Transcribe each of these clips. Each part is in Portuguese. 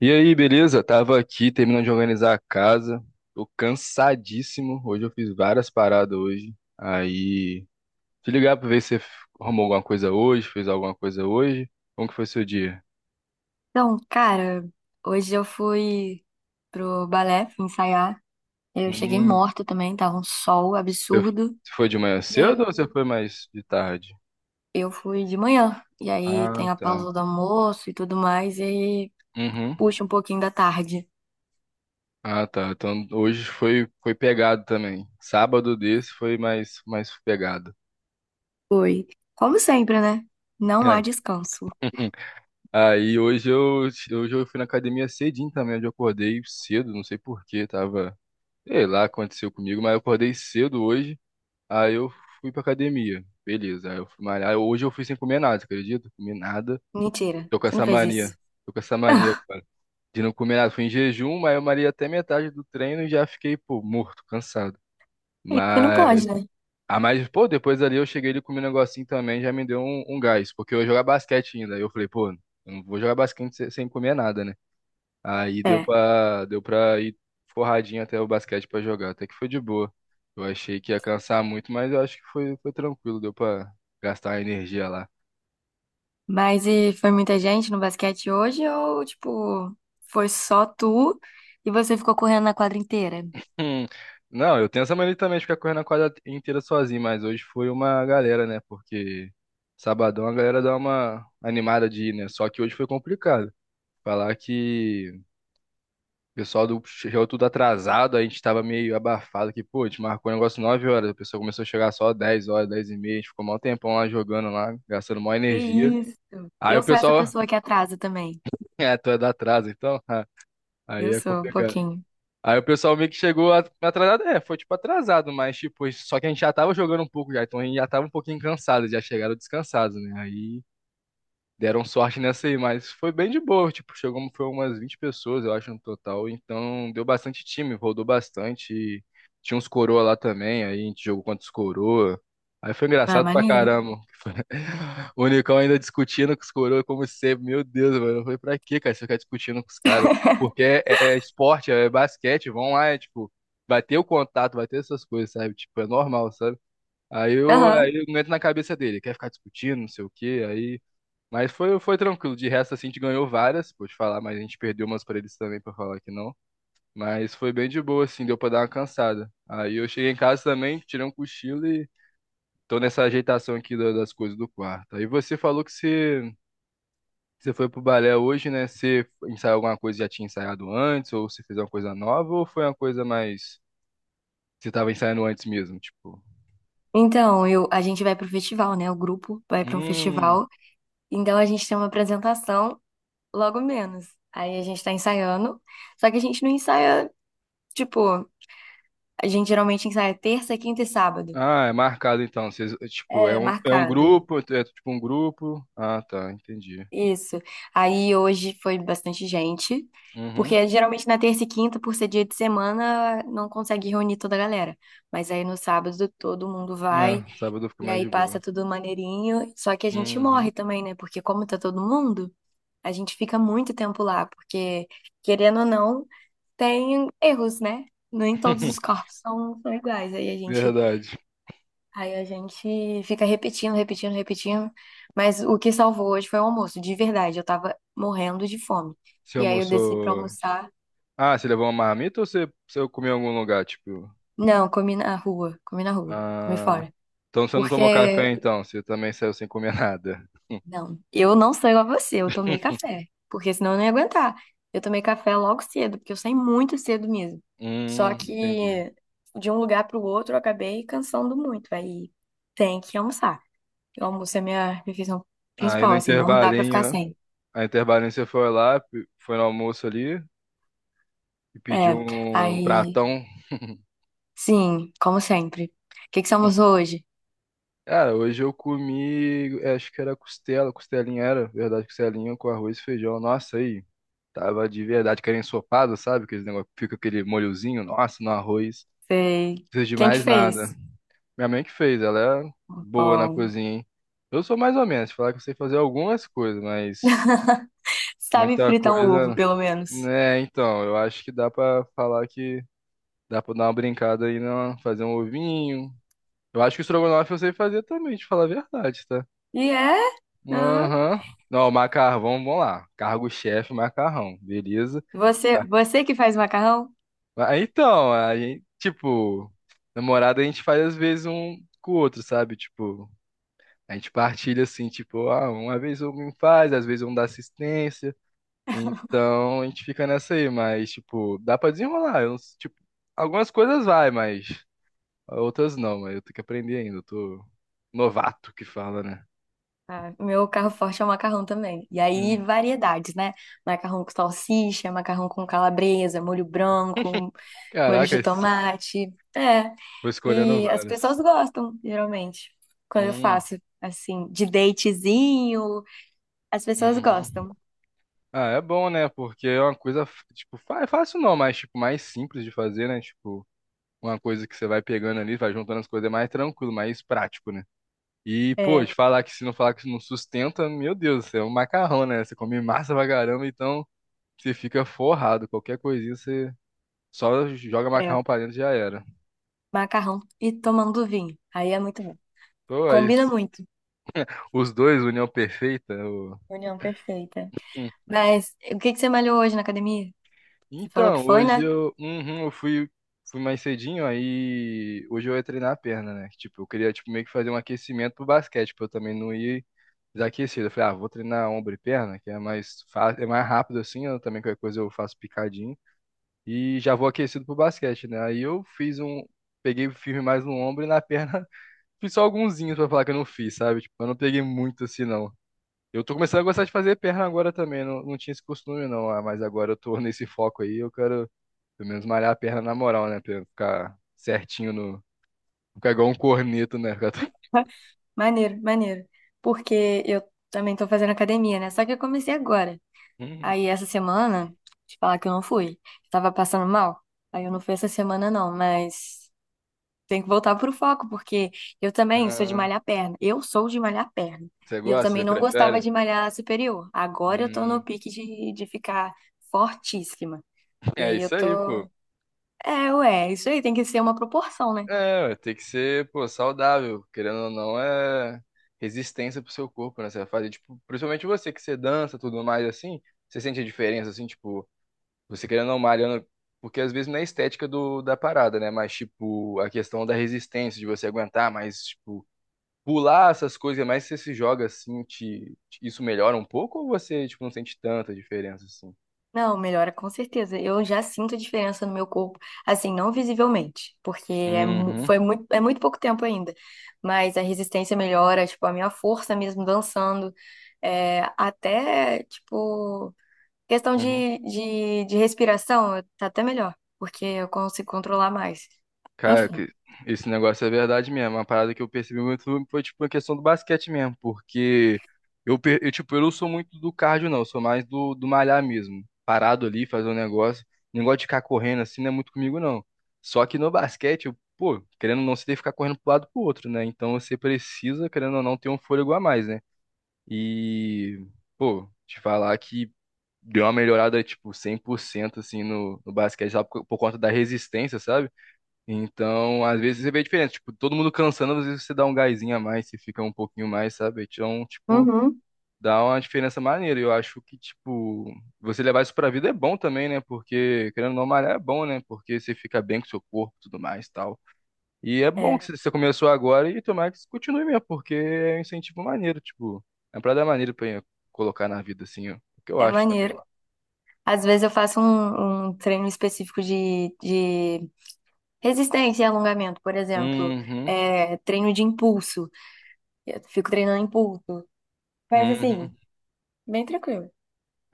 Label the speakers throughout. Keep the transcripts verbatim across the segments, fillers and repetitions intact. Speaker 1: E aí, beleza? Tava aqui terminando de organizar a casa. Tô cansadíssimo. Hoje eu fiz várias paradas hoje. Aí, te ligar pra ver se você arrumou alguma coisa hoje, fez alguma coisa hoje. Como que foi seu dia?
Speaker 2: Então, cara, hoje eu fui pro balé fui ensaiar. Eu cheguei
Speaker 1: Hum,
Speaker 2: morta também, tava um sol
Speaker 1: você
Speaker 2: absurdo.
Speaker 1: você foi de manhã
Speaker 2: E
Speaker 1: cedo ou
Speaker 2: eu
Speaker 1: você foi mais de tarde?
Speaker 2: eu fui de manhã. E aí
Speaker 1: Ah,
Speaker 2: tem a
Speaker 1: tá.
Speaker 2: pausa do almoço e tudo mais, e aí
Speaker 1: Uhum.
Speaker 2: puxa um pouquinho da tarde.
Speaker 1: Ah, tá. Então hoje foi foi pegado também. Sábado desse foi mais mais pegado.
Speaker 2: Foi. Como sempre, né? Não há
Speaker 1: É.
Speaker 2: descanso.
Speaker 1: Aí hoje eu, hoje eu fui na academia cedinho também, onde eu acordei cedo, não sei por quê, tava, sei lá, aconteceu comigo, mas eu acordei cedo hoje, aí eu fui pra academia, beleza, aí eu fui malhar, hoje eu fui sem comer nada, você acredita? Comi nada,
Speaker 2: Mentira,
Speaker 1: tô com
Speaker 2: você não
Speaker 1: essa
Speaker 2: fez
Speaker 1: mania,
Speaker 2: isso.
Speaker 1: tô com essa mania, cara, de não comer nada, fui em jejum, mas eu malhei até metade do treino e já fiquei, pô, morto, cansado,
Speaker 2: Isso não
Speaker 1: mas,
Speaker 2: pode, né?
Speaker 1: ah, mas, pô, depois ali eu cheguei ali comi um negocinho também, já me deu um, um gás, porque eu ia jogar basquete ainda, aí eu falei, pô, eu não vou jogar basquete sem sem comer nada, né? Aí deu
Speaker 2: É.
Speaker 1: pra, deu pra ir forradinho até o basquete pra jogar. Até que foi de boa. Eu achei que ia cansar muito, mas eu acho que foi, foi tranquilo. Deu pra gastar a energia lá.
Speaker 2: Mas e foi muita gente no basquete hoje ou, tipo, foi só tu e você ficou correndo na quadra inteira?
Speaker 1: Hum, Não, eu tenho essa mania também de ficar correndo a quadra inteira sozinho, mas hoje foi uma galera, né? Porque sabadão a galera dá uma animada de ir, né? Só que hoje foi complicado. Falar que o pessoal do chegou tudo atrasado, a gente tava meio abafado que, pô, a gente marcou um negócio nove horas, o pessoal começou a chegar só dez horas, dez e meia, a gente ficou mó tempão lá jogando lá, gastando mó
Speaker 2: Que
Speaker 1: energia.
Speaker 2: isso?
Speaker 1: Aí o
Speaker 2: Eu sou essa
Speaker 1: pessoal,
Speaker 2: pessoa que atrasa também.
Speaker 1: é, tu é da atraso, então? Ah,
Speaker 2: Eu
Speaker 1: aí é
Speaker 2: sou um
Speaker 1: complicado.
Speaker 2: pouquinho.
Speaker 1: Aí o pessoal meio que chegou a- atrasado, é, foi tipo atrasado, mas tipo, só que a gente já tava jogando um pouco já, então a gente já tava um pouquinho cansado, já chegaram descansados, né? Aí deram sorte nessa aí, mas foi bem de boa, tipo, chegou, foi umas vinte pessoas, eu acho, no total, então deu bastante time, rodou bastante, e tinha uns coroa lá também, aí a gente jogou contra os coroa, aí foi
Speaker 2: Ah,
Speaker 1: engraçado pra
Speaker 2: maneiro.
Speaker 1: caramba, o Unicão ainda discutindo com os coroa como sempre, meu Deus, mano, foi pra quê, cara, você ficar discutindo com os caras, porque é, é é esporte, é basquete, vão lá, é tipo, vai ter o contato, vai ter essas coisas, sabe, tipo, é normal, sabe, Aí eu, aí
Speaker 2: Aham.
Speaker 1: eu não entro na cabeça dele, quer ficar discutindo, não sei o quê, aí mas foi, foi tranquilo. De resto, assim, a gente ganhou várias, pode falar, mas a gente perdeu umas pra eles também, pra falar que não. Mas foi bem de boa, assim, deu pra dar uma cansada. Aí eu cheguei em casa também, tirei um cochilo e tô nessa ajeitação aqui da- das coisas do quarto. Aí você falou que você, você foi pro balé hoje, né? Você ensaiou alguma coisa que já tinha ensaiado antes, ou você fez uma coisa nova, ou foi uma coisa mais. Você tava ensaiando antes mesmo, tipo.
Speaker 2: Então, eu, a gente vai pro festival, né? O grupo vai pra um
Speaker 1: Hum.
Speaker 2: festival. Então, a gente tem uma apresentação logo menos. Aí, a gente tá ensaiando. Só que a gente não ensaia, tipo, a gente geralmente ensaia terça, quinta e sábado.
Speaker 1: Ah, é marcado então. Vocês, tipo, é
Speaker 2: É,
Speaker 1: um, é um
Speaker 2: marcado.
Speaker 1: grupo, é é tipo um grupo. Ah, tá, entendi.
Speaker 2: Isso. Aí hoje foi bastante gente,
Speaker 1: Uhum.
Speaker 2: porque geralmente na terça e quinta, por ser dia de semana, não consegue reunir toda a galera. Mas aí no sábado todo mundo
Speaker 1: É,
Speaker 2: vai
Speaker 1: sábado fica
Speaker 2: e
Speaker 1: mais
Speaker 2: aí
Speaker 1: de
Speaker 2: passa
Speaker 1: boa.
Speaker 2: tudo maneirinho. Só que a gente morre
Speaker 1: Uhum.
Speaker 2: também, né? Porque como tá todo mundo, a gente fica muito tempo lá, porque querendo ou não, tem erros, né? Nem todos os corpos são, são iguais. Aí a gente
Speaker 1: Verdade.
Speaker 2: Aí a gente fica repetindo, repetindo, repetindo. Mas o que salvou hoje foi o almoço, de verdade. Eu tava morrendo de fome.
Speaker 1: Você
Speaker 2: E aí eu desci pra
Speaker 1: almoçou.
Speaker 2: almoçar.
Speaker 1: Ah, você levou uma marmita ou você, você comeu em algum lugar? Tipo.
Speaker 2: Não, comi na rua, comi na rua, comi
Speaker 1: Ah.
Speaker 2: fora.
Speaker 1: Então você não tomou
Speaker 2: Porque,
Speaker 1: café então, você também saiu sem comer nada.
Speaker 2: não, eu não sou igual a você, eu tomei café. Porque senão eu não ia aguentar. Eu tomei café logo cedo, porque eu saí muito cedo mesmo. Só
Speaker 1: Hum, entendi.
Speaker 2: que de um lugar pro outro eu acabei cansando muito. Aí tem que almoçar. O almoço é minha refeição
Speaker 1: Aí
Speaker 2: principal,
Speaker 1: no
Speaker 2: assim, não dá pra ficar
Speaker 1: intervalinho,
Speaker 2: sem.
Speaker 1: a intervalinho você foi lá, pe- foi no almoço ali e pediu
Speaker 2: É,
Speaker 1: um
Speaker 2: aí,
Speaker 1: pratão.
Speaker 2: sim, como sempre. O que que somos hoje?
Speaker 1: Cara, hoje eu comi, acho que era costela, costelinha era, verdade, costelinha com arroz e feijão. Nossa, aí. Tava de verdade, aquele ensopado, sabe? Aquele negócio, fica aquele molhozinho, nossa, no arroz.
Speaker 2: Sei.
Speaker 1: Não precisa de
Speaker 2: Quem que
Speaker 1: mais nada.
Speaker 2: fez?
Speaker 1: Minha mãe que fez, ela é boa na
Speaker 2: Bom,
Speaker 1: cozinha, hein? Eu sou mais ou menos, falar que eu sei fazer algumas coisas, mas
Speaker 2: sabe
Speaker 1: muita
Speaker 2: fritar um ovo,
Speaker 1: coisa.
Speaker 2: pelo menos.
Speaker 1: Né, então, eu acho que dá pra falar que dá pra dar uma brincada aí, não, fazer um ovinho. Eu acho que o estrogonofe eu sei fazer também, te falar a verdade, tá?
Speaker 2: E é? Ah,
Speaker 1: Aham. Não, macarrão, vamos lá. Cargo-chefe, macarrão, beleza?
Speaker 2: você, você que faz macarrão?
Speaker 1: Ah, então, a gente, tipo, namorada a gente faz às vezes um com o outro, sabe? Tipo, a gente partilha assim, tipo, ah, uma vez um me faz, às vezes um dá assistência. Então, a gente fica nessa aí, mas, tipo, dá pra desenrolar. Eu não s- tipo, algumas coisas vai, mas outras não, mas eu tenho que aprender ainda. Eu tô novato que fala, né?
Speaker 2: Ah, meu carro forte é o macarrão também. E aí,
Speaker 1: Hum.
Speaker 2: variedades, né? Macarrão com salsicha, macarrão com calabresa, molho branco, molho
Speaker 1: Caraca,
Speaker 2: de
Speaker 1: es-
Speaker 2: tomate. É.
Speaker 1: vou escolhendo
Speaker 2: E as
Speaker 1: várias.
Speaker 2: pessoas gostam, geralmente, quando eu
Speaker 1: Hum,
Speaker 2: faço. Assim, de datezinho, as pessoas
Speaker 1: uhum.
Speaker 2: gostam.
Speaker 1: Ah, é bom, né? Porque é uma coisa, tipo, fa- é fácil não, mas, tipo, mais simples de fazer, né? Tipo, uma coisa que você vai pegando ali, vai juntando as coisas, é mais tranquilo, mais prático, né? E, pô,
Speaker 2: É,
Speaker 1: de falar que se não falar que não sustenta, meu Deus, você é um macarrão, né? Você come massa pra caramba, então você fica forrado. Qualquer coisinha você só joga
Speaker 2: é.
Speaker 1: macarrão pra dentro e já era.
Speaker 2: Macarrão e tomando vinho. Aí é muito bom.
Speaker 1: Pô, aí,
Speaker 2: Combina muito.
Speaker 1: os dois, união perfeita, o-
Speaker 2: União perfeita. Mas o que que você malhou hoje na academia? Você falou que
Speaker 1: Então,
Speaker 2: foi,
Speaker 1: hoje
Speaker 2: né?
Speaker 1: eu, uhum, eu fui, fui mais cedinho, aí hoje eu ia treinar a perna, né? Tipo, eu queria tipo, meio que fazer um aquecimento pro basquete, pra eu também não ir desaquecido. Eu falei, ah, vou treinar ombro e perna, que é mais fácil, é mais rápido assim, eu também qualquer coisa eu faço picadinho. E já vou aquecido pro basquete, né? Aí eu fiz um. Peguei firme mais no ombro e na perna fiz só alguinzinhos pra falar que eu não fiz, sabe? Tipo, eu não peguei muito assim, não. Eu tô começando a gostar de fazer perna agora também, não, não tinha esse costume não, ah, mas agora eu tô nesse foco aí, eu quero pelo menos malhar a perna na moral, né? Pra ficar certinho no. Ficar igual um corneto, né? Ficar todo-
Speaker 2: Maneiro, maneiro. Porque eu também tô fazendo academia, né? Só que eu comecei agora.
Speaker 1: Hum,
Speaker 2: Aí essa semana, te falar que eu não fui. Eu tava passando mal. Aí eu não fui essa semana, não, mas. Tem que voltar pro foco, porque eu também sou de
Speaker 1: ah,
Speaker 2: malhar perna. Eu sou de malhar perna.
Speaker 1: você
Speaker 2: E eu
Speaker 1: gosta? Você
Speaker 2: também não gostava
Speaker 1: prefere?
Speaker 2: de malhar superior. Agora eu tô
Speaker 1: Hum,
Speaker 2: no pique de, de ficar fortíssima. E
Speaker 1: é
Speaker 2: aí eu
Speaker 1: isso
Speaker 2: tô.
Speaker 1: aí, pô.
Speaker 2: É, ué, isso aí tem que ser uma proporção, né?
Speaker 1: É, ué, tem que ser, pô, saudável. Querendo ou não, é resistência pro seu corpo, né? Você vai fazer, tipo, principalmente você que você dança, tudo mais assim. Você sente a diferença, assim, tipo, você querendo ou não malhando. Porque às vezes não é a estética do, da parada, né? Mas, tipo, a questão da resistência, de você aguentar mais, tipo, pular essas coisas, mas você se joga assim, te, te- isso melhora um pouco ou você, tipo, não sente tanta diferença assim?
Speaker 2: Não, melhora com certeza. Eu já sinto a diferença no meu corpo, assim, não visivelmente, porque é, mu-
Speaker 1: Uhum,
Speaker 2: foi muito, é muito pouco tempo ainda. Mas a resistência melhora, tipo, a minha força mesmo dançando. É, até, tipo. Questão
Speaker 1: uhum.
Speaker 2: de, de, de respiração, tá até melhor, porque eu consigo controlar mais.
Speaker 1: Cara,
Speaker 2: Enfim,
Speaker 1: que- esse negócio é verdade mesmo. Uma parada que eu percebi muito foi, tipo, a questão do basquete mesmo, porque eu, per- eu, tipo, eu não sou muito do cardio, não, eu sou mais do, do malhar mesmo. Parado ali, fazer um negócio. Negócio de ficar correndo assim não é muito comigo, não. Só que no basquete, eu, pô, querendo ou não, você tem que ficar correndo pro lado e pro outro, né? Então você precisa, querendo ou não, ter um fôlego a mais, né? E, pô, te falar que deu uma melhorada, tipo, cem por cento assim no, no basquete, sabe? Por, por conta da resistência, sabe? Então, às vezes você vê a diferença, tipo, todo mundo cansando, às vezes você dá um gásinho a mais, você fica um pouquinho mais, sabe? Então, tipo,
Speaker 2: uhum,
Speaker 1: dá uma diferença maneira. Eu acho que, tipo, você levar isso pra vida é bom também, né? Porque, querendo ou não, malhar é bom, né? Porque você fica bem com o seu corpo e tudo mais, e tal. E é bom
Speaker 2: é,
Speaker 1: que você começou agora e tomara que isso continue mesmo, porque é um incentivo maneiro, tipo, é uma parada maneira pra colocar na vida, assim, ó, é o que eu
Speaker 2: é
Speaker 1: acho também.
Speaker 2: maneiro. Às vezes eu faço um, um treino específico de, de resistência e alongamento, por exemplo,
Speaker 1: Uhum,
Speaker 2: é, treino de impulso. Eu fico treinando impulso. Mas assim,
Speaker 1: uhum.
Speaker 2: bem tranquilo.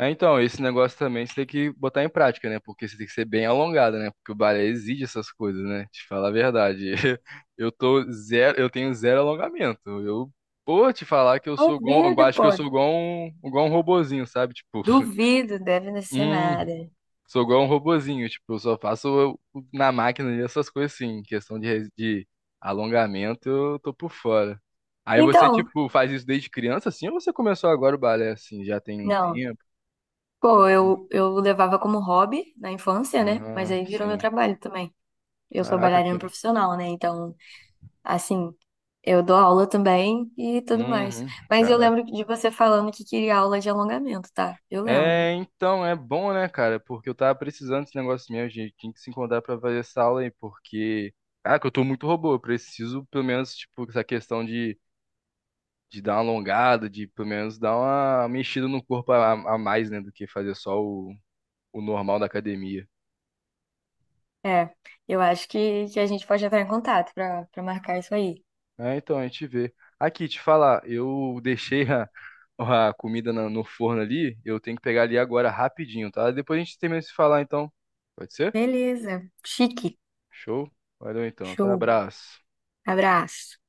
Speaker 1: É, então, esse negócio também você tem que botar em prática, né? Porque você tem que ser bem alongado, né? Porque o balé exige essas coisas, né? Te falar a verdade. Eu tô zero, eu tenho zero alongamento. Eu, pô, te falar que eu sou igual, eu
Speaker 2: Duvido,
Speaker 1: acho que
Speaker 2: pô.
Speaker 1: eu sou igual um, igual um robozinho, sabe? Tipo,
Speaker 2: Duvido, deve ser nada.
Speaker 1: sou igual um robozinho, tipo, eu só faço o- o- na máquina ali essas coisas assim, questão de, res- de alongamento, eu tô por fora. Aí você,
Speaker 2: Então,
Speaker 1: tipo, faz isso desde criança, assim, ou você começou agora o balé, assim, já tem um
Speaker 2: não.
Speaker 1: tempo?
Speaker 2: Pô, eu, eu levava como hobby na infância, né? Mas
Speaker 1: Ah,
Speaker 2: aí virou meu
Speaker 1: sim.
Speaker 2: trabalho também. Eu sou
Speaker 1: Caraca, aqui,
Speaker 2: bailarina
Speaker 1: ó.
Speaker 2: profissional, né? Então, assim, eu dou aula também e tudo mais.
Speaker 1: Uhum,
Speaker 2: Mas eu
Speaker 1: caraca.
Speaker 2: lembro de você falando que queria aula de alongamento, tá? Eu lembro.
Speaker 1: É, então, é bom, né, cara? Porque eu tava precisando desse negócio mesmo, gente. Tinha que se encontrar pra fazer essa aula aí, porque... Caraca, eu tô muito robô. Eu preciso, pelo menos, tipo, essa questão de de dar uma alongada, de pelo menos dar uma mexida no corpo a, a mais, né, do que fazer só o, o normal da academia.
Speaker 2: É, eu acho que, que a gente pode entrar em contato pra para marcar isso aí.
Speaker 1: É, então, a gente vê. Aqui, te falar, eu deixei a, a comida na- no forno ali, eu tenho que pegar ali agora rapidinho, tá? Depois a gente termina de se falar, então. Pode ser?
Speaker 2: Beleza. Chique.
Speaker 1: Show? Valeu então, tá?
Speaker 2: Show.
Speaker 1: Abraço.
Speaker 2: Abraço.